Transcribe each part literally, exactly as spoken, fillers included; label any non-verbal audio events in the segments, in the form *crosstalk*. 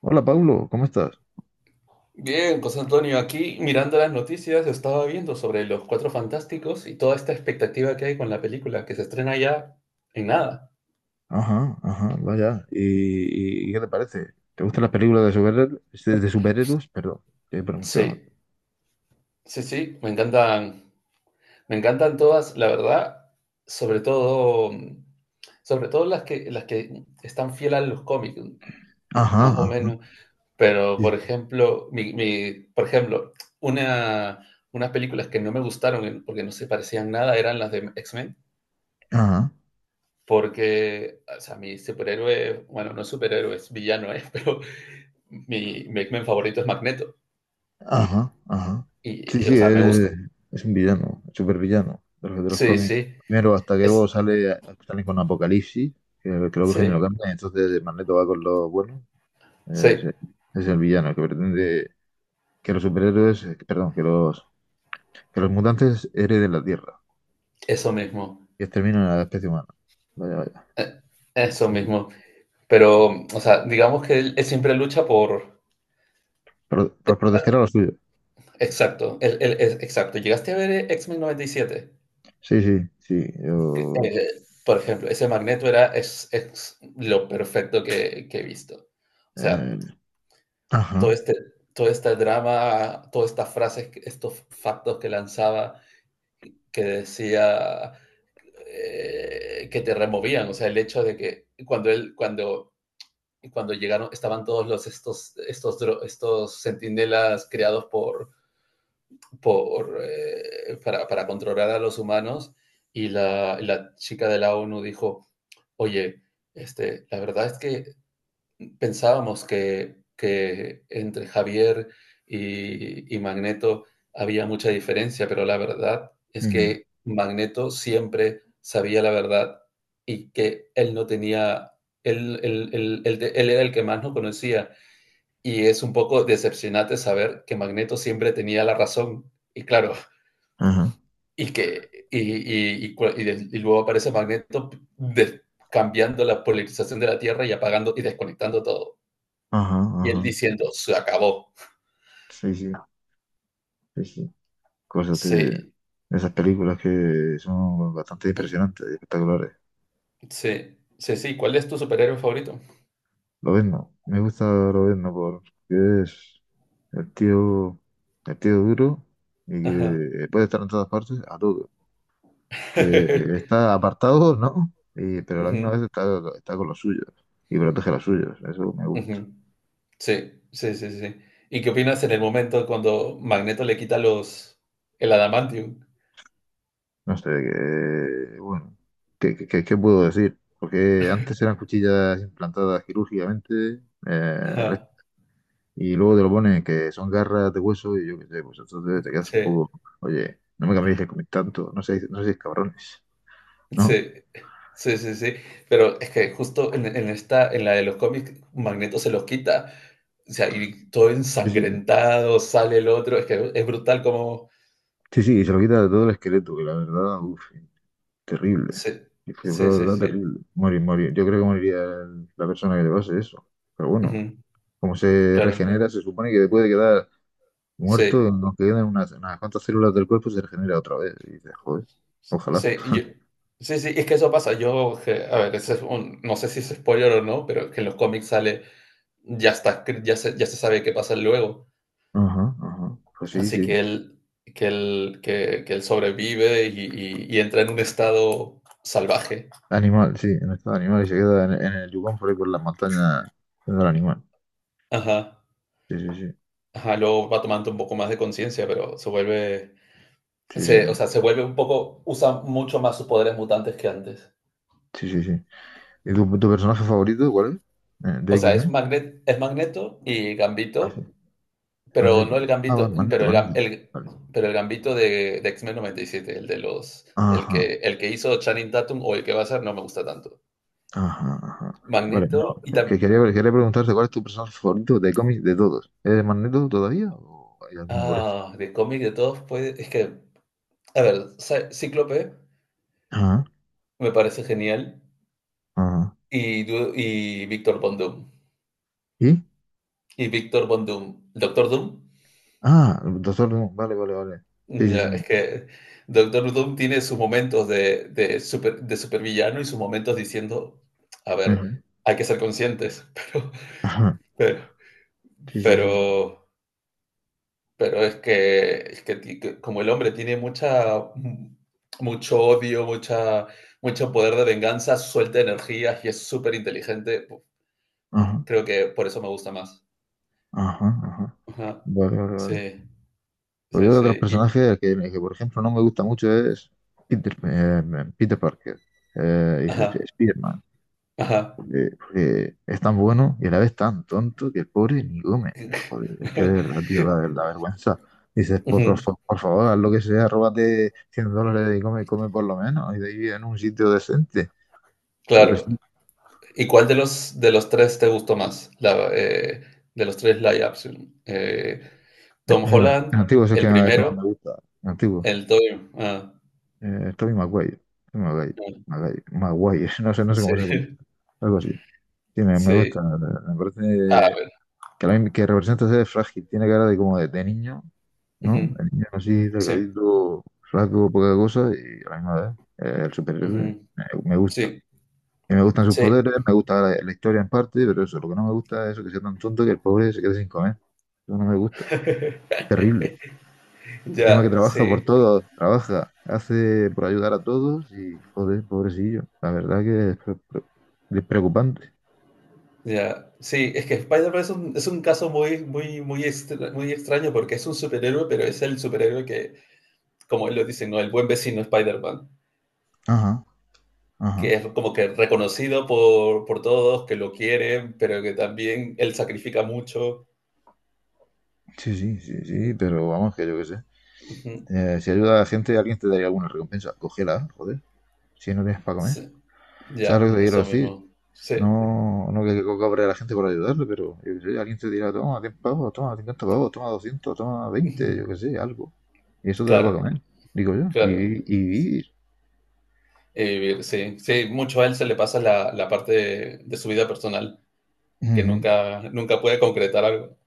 Hola Pablo, ¿cómo estás? Bien, José Antonio, aquí mirando las noticias estaba viendo sobre los Cuatro Fantásticos y toda esta expectativa que hay con la película que se estrena ya en nada. Ajá, ajá, vaya. ¿Y, y qué te parece? ¿Te gustan las películas de superhéroes? De, de superhéroes, perdón. Eh, pero me Sí, quedo- sí, sí, me encantan, me encantan todas, la verdad, sobre todo, mm, sobre todo las que, las que están fieles a los cómics, Ajá, más o ajá, menos. Pero, sí, por sí, ejemplo, mi, mi- por ejemplo, una, unas películas que no me gustaron eh, porque no se parecían nada eran las de X-Men. ajá, Porque, o sea, mi superhéroe, bueno, no superhéroe, es villano, ¿eh? *laughs* pero mi, mi X-Men favorito es Magneto. ajá, ajá. Sí, Y, sí, o sea, me gusta. es, es un villano, supervillano de los, de los Sí, cómics. sí, Primero, hasta que luego es, sale, sale con Apocalipsis, que que luego que lo sí, cambia, entonces Magneto va con los buenos. Eh, Es, sí, el es el villano que pretende que los superhéroes, eh, perdón, que los, que los mutantes hereden la Tierra. eso mismo. Y exterminan a la especie humana. Vaya, vaya. eh, Eso Sí. mismo. Pero, o sea, digamos que él, él siempre lucha por. Por, por proteger a los suyos. Exacto, él- él es- exacto. ¿Llegaste a ver eh, X-Men noventa y siete? Sí, sí, sí. Que, Yo. eh, por ejemplo, ese Magneto era es, es lo perfecto que, que he visto. O sea, eh, todo ajá. este, todo este drama, todas estas frases, estos factos que lanzaba, que decía eh, que te removían, o sea, el hecho de que cuando él, cuando, cuando llegaron, estaban todos los, estos, estos, estos centinelas creados por, por, eh, para, para, controlar a los humanos, y la, la chica de la ONU dijo, oye, este, la verdad es que pensábamos que, que entre Javier y, y Magneto había mucha diferencia, pero la verdad es Ujú. que Magneto siempre sabía la verdad y que él no tenía, él, él, él, él, él era el que más no conocía. Y es un poco decepcionante saber que Magneto siempre tenía la razón. Y claro, Ajá. *laughs* y que y, y, y, y y luego aparece Magneto de, cambiando la polarización de la Tierra y apagando y desconectando todo. Ajá, Y él ajá. diciendo, se acabó. Sí, sí, sí, sí. Cosas de Sí, esas películas que son bastante impresionantes y espectaculares. sí, sí, sí. ¿Cuál es tu superhéroe favorito? Lobezno. Me gusta Lobezno porque es el tío, el tío duro y Ajá. que puede estar en todas partes a todo. Que *laughs* está apartado, ¿no? Y, pero a la misma Ujú, vez está, está con los suyos y protege a los suyos. Eso me gusta. ujú. Sí, sí, sí, sí. ¿Y qué opinas en el momento cuando Magneto le quita los el adamantium? No sé, que, bueno, ¿qué, qué, qué- qué puedo decir? Porque antes eran cuchillas implantadas quirúrgicamente eh, re- Ajá. y luego te lo ponen que son garras de hueso y yo qué sé, pues entonces te quedas un Sí, poco, oye, no me cambiéis de comer tanto, no seáis, no seáis cabrones, ¿no? sí, sí, sí, sí. Pero es que justo en, en esta, en la de los cómics, Magneto se los quita. O sea, y todo Sí, sí, ensangrentado, sale el otro. Es que es brutal como... sí, sí, y se lo quita de todo el esqueleto, que la verdad, uff, terrible. Sí, Y Fue fue la sí, sí, verdad sí. terrible. Morir, morir. Yo creo que moriría el- la persona que le pase eso. Pero bueno, Ujú, como se claro. regenera, se supone que después de quedar muerto, Sí, en lo que quedan unas, unas cuantas células del cuerpo se regenera otra vez. Y dices, joder, ojalá. sí, yo- sí, sí, es que eso pasa. Yo, que- a ver, ese es un- no sé si es spoiler o no, pero que en los cómics sale, ya está, escri- ya se, ya se sabe qué pasa luego. Ajá, ajá. Pues sí, Así sí. que él, que él, que, que él sobrevive y, y- y entra en un estado salvaje. Animal, sí, en estado animal y se queda en, en el Yukon por ahí por las montañas siendo el animal. Ajá, Sí, sí, sí. ajá, luego va tomando un poco más de conciencia, pero se vuelve, Sí, sí, se, o sea, sí. se vuelve un poco, usa mucho más sus poderes mutantes que antes. Sí, sí, sí. ¿Y tu, tu personaje favorito cuál es? Eh, ¿De O sea, es X-Men? Magnet, es Magneto y Ah, sí. Gambito. Pero Magneto. no el Ah, va, gambito, Magneto, pero el, gam- Magneto. el- Vale. pero el gambito de, de X-Men noventa y siete, el de los, el Ajá. que, el que hizo Channing Tatum o el que va a ser, no me gusta tanto. Ajá, ajá. Vale, no, Magneto y que también, quería, quería preguntarte cuál es tu personaje favorito de cómics de todos. ¿Eres Magneto todavía o hay alguno por eso? ah, de cómic de todos, pues es que, a ver, Cy- Cíclope Ajá, me parece genial ajá. y, Du- y Víctor Von Doom. ¿Y? Y Víctor Von Doom, Doctor Doom, Ah, Doctor Doom, vale, vale, vale. Sí, sí, ya, es sí. que Doctor Doom tiene sus momentos de, de, super, de supervillano y sus momentos diciendo, a ver, Ajá, hay que ser conscientes, ajá. *laughs* pero Sí, sí, sí. Sí. Pero, pero es que, es que ti- que como el hombre tiene mucha, mucho odio, mucha, mucho poder de venganza, suelta energía y es súper inteligente, Ajá, creo que por eso me gusta más. ajá, ajá. Ajá. Vale, vale, Sí, vale. Pues yo sí, de otros sí. Y- personajes que, eh, que, por ejemplo, no me gusta mucho es Peter, eh, Peter Parker. Eh, y ajá, Spider-Man. ajá. Porque, porque es tan bueno y a la vez tan tonto que el pobre ni come. Joder, es que de verdad, *laughs* tío, da ver- la vergüenza. Dices, por, por, fa- Ujú, por favor, haz lo que sea, róbate cien dólares y come, come por lo menos. Y de ahí en un sitio decente. claro. Pobrecito. ¿Y cuál de los, de los tres te gustó más? La, eh, de los tres live action. Eh, Eh, Tom El, an- el Holland, antiguo si es el que, el el que más primero, me gusta. El antiguo. el Toy. Ah, Eh, Tobey Maguire. Tobey Maguire. ah, Maguire. Maguire. *laughs* No sé, no sé sí, cómo se pronuncia. *laughs* Algo así. Sí, me, me gusta. sí. Me parece que, la, que representa ser frágil. Tiene cara de como de, de niño, ¿no? Ujú, El niño así, sí, delgadito, flaco, poca cosa, y a la misma vez, eh, el superhéroe, ujú, me, me gusta. sí, Y me gustan sus sí, poderes, me gusta la, la historia en parte, pero eso, lo que no me gusta es eso, que sea tan tonto que el pobre se quede sin comer. Eso no me gusta. Terrible. Encima que ya, trabaja por sí, todos, trabaja, hace por ayudar a todos y, joder, pobrecillo. La verdad que es, pre- pre- es preocupante. ya. Sí, es que Spider-Man es un es un caso muy muy muy extra muy extraño porque es un superhéroe, pero es el superhéroe que, como él lo dice, ¿no? El buen vecino Spider-Man, Ajá, que ajá. es como que reconocido por por todos, que lo quieren, pero que también él sacrifica mucho. Sí, sí, sí, sí, Mm, pero vamos, que yo qué sé. ujú, Eh, si ayuda a la gente, alguien te daría alguna recompensa. Cógela, joder, si no tienes para comer. sí, ¿Sabes lo ya, que te quiero eso decir? mismo. Sí, No, no que, que cobre a la gente por ayudarle, pero yo qué sé, alguien te dirá, toma diez pavos, toma cincuenta pavos, toma doscientos, toma ujú, veinte, yo qué sé, algo. Y eso te da para claro, comer, digo yo, y, claro. vi- y vivir. Eh, sí, sí, mucho a él se le pasa la la parte de de su vida personal, que Ujú. nunca, nunca puede concretar algo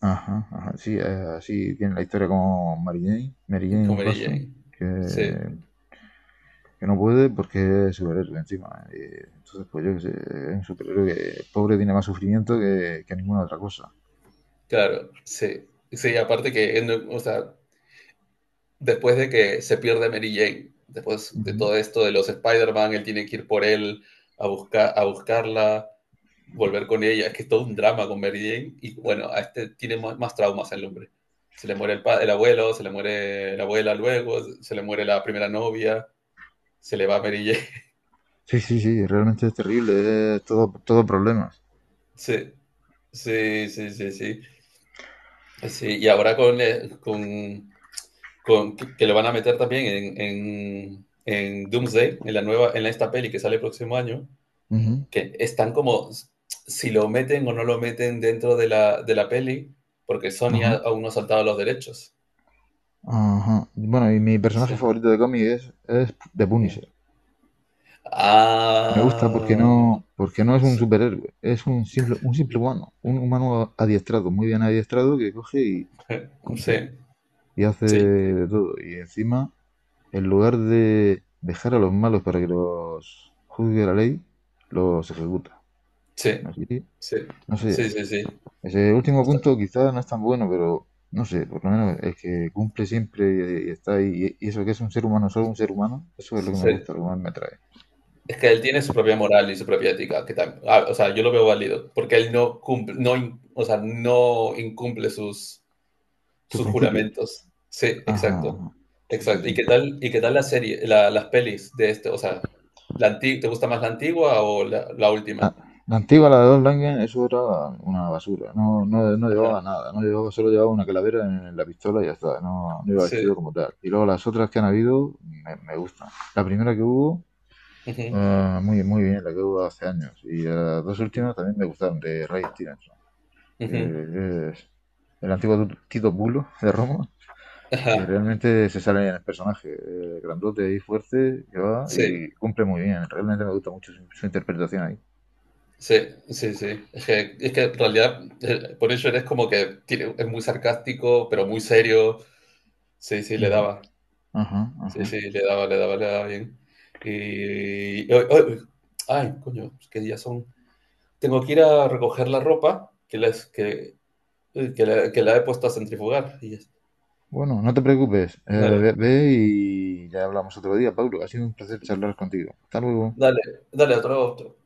Ajá, ajá, sí, eh, así tiene la historia como Mary Jane, Mary con Jane Mary Watson, Jane. que, Sí, que no puede porque es superhéroe encima. Eh, entonces, pues yo qué sé, es un superhéroe que pobre tiene más sufrimiento que, que ninguna otra cosa. claro, sí. Sí, aparte que, o sea, después de que se pierde Mary Jane, después de Ujú. todo esto de los Spider-Man, él tiene que ir por él a, buscar, a buscarla, volver con ella. Es que es todo un drama con Mary Jane. Y bueno, a este tiene más, más traumas el hombre. Se le muere el, pa- el abuelo, se le muere la abuela luego, se le muere la primera novia, se le va Mary Jane. *laughs* Sí, sí, sí, realmente es terrible, es todo, todo problemas. Sí, sí, sí, sí, sí. Sí, y ahora con, eh, con, con que que lo van a meter también en, en, en Doomsday, en la nueva, en esta peli que sale el próximo año, Ujú. que están como si lo meten o no lo meten dentro de la, de la peli, porque Sony ha- Ajá, aún no ha saltado los derechos. ajá. Bueno, y mi personaje Sí. favorito de cómic es, es The Sí. Punisher. Me gusta porque Ah. no, porque no es un Sí, superhéroe, es un simple, un simple humano, un humano adiestrado, muy bien adiestrado, que coge y *laughs* sí, cumple y hace sí, de todo. Y encima, en lugar de dejar a los malos para que los juzgue la ley, los ejecuta. sí, Así, sí, no sé, sí. Sí. Sí. ese último Hasta, punto quizás no es tan bueno, pero no sé, por lo menos es que cumple siempre y, y está ahí. Y, y eso que es un ser humano, solo un ser humano, eso es lo que me sí. gusta, lo que más me atrae. Es que él tiene su propia moral y su propia ética, que tam- ah, o sea, yo lo veo válido, porque él no cumple, no, in- o sea, no incumple sus, Tus sus principios. juramentos. Sí, Ajá, exacto, ajá. Sí, sí, exacto. ¿Y sí. qué tal, y qué tal la serie, la- las pelis de este, o sea, la anti- ¿te gusta más la antigua o la, la Ah, última? la antigua, la de Don Langen, eso era una basura. No, no, no Ajá, llevaba nada, no llevaba, solo llevaba una calavera en la pistola y ya está, no, no iba vestido sí. como tal. Y luego las otras que han habido me, me gustan. La primera que hubo, Ujú, ah, muy, muy bien, la que hubo hace años. Y las dos ujú, últimas también me gustaron, de Ray Stevenson. Que ujú. es el antiguo Tito Bulo de Roma, Ajá, que realmente se sale en el personaje, eh, grandote y fuerte, que va sí, y cumple muy bien. Realmente me gusta mucho su, su interpretación ahí. sí, sí, sí. Es que, es que en realidad, eh, por eso eres como que tiene- es muy sarcástico, pero muy serio. Sí, sí, le Ujú. daba. Ajá, Sí, ajá. sí, le daba, le daba, le daba bien. Y y hoy- hoy- Ay, coño, qué días son. Tengo que ir a recoger la ropa que les que, eh, que la, que la he puesto a centrifugar. Y ya está. Bueno, no te preocupes, eh, ve, Dale, ve y ya hablamos otro día, Pablo. Ha sido un placer charlar contigo. Hasta luego. dale, dale, otro.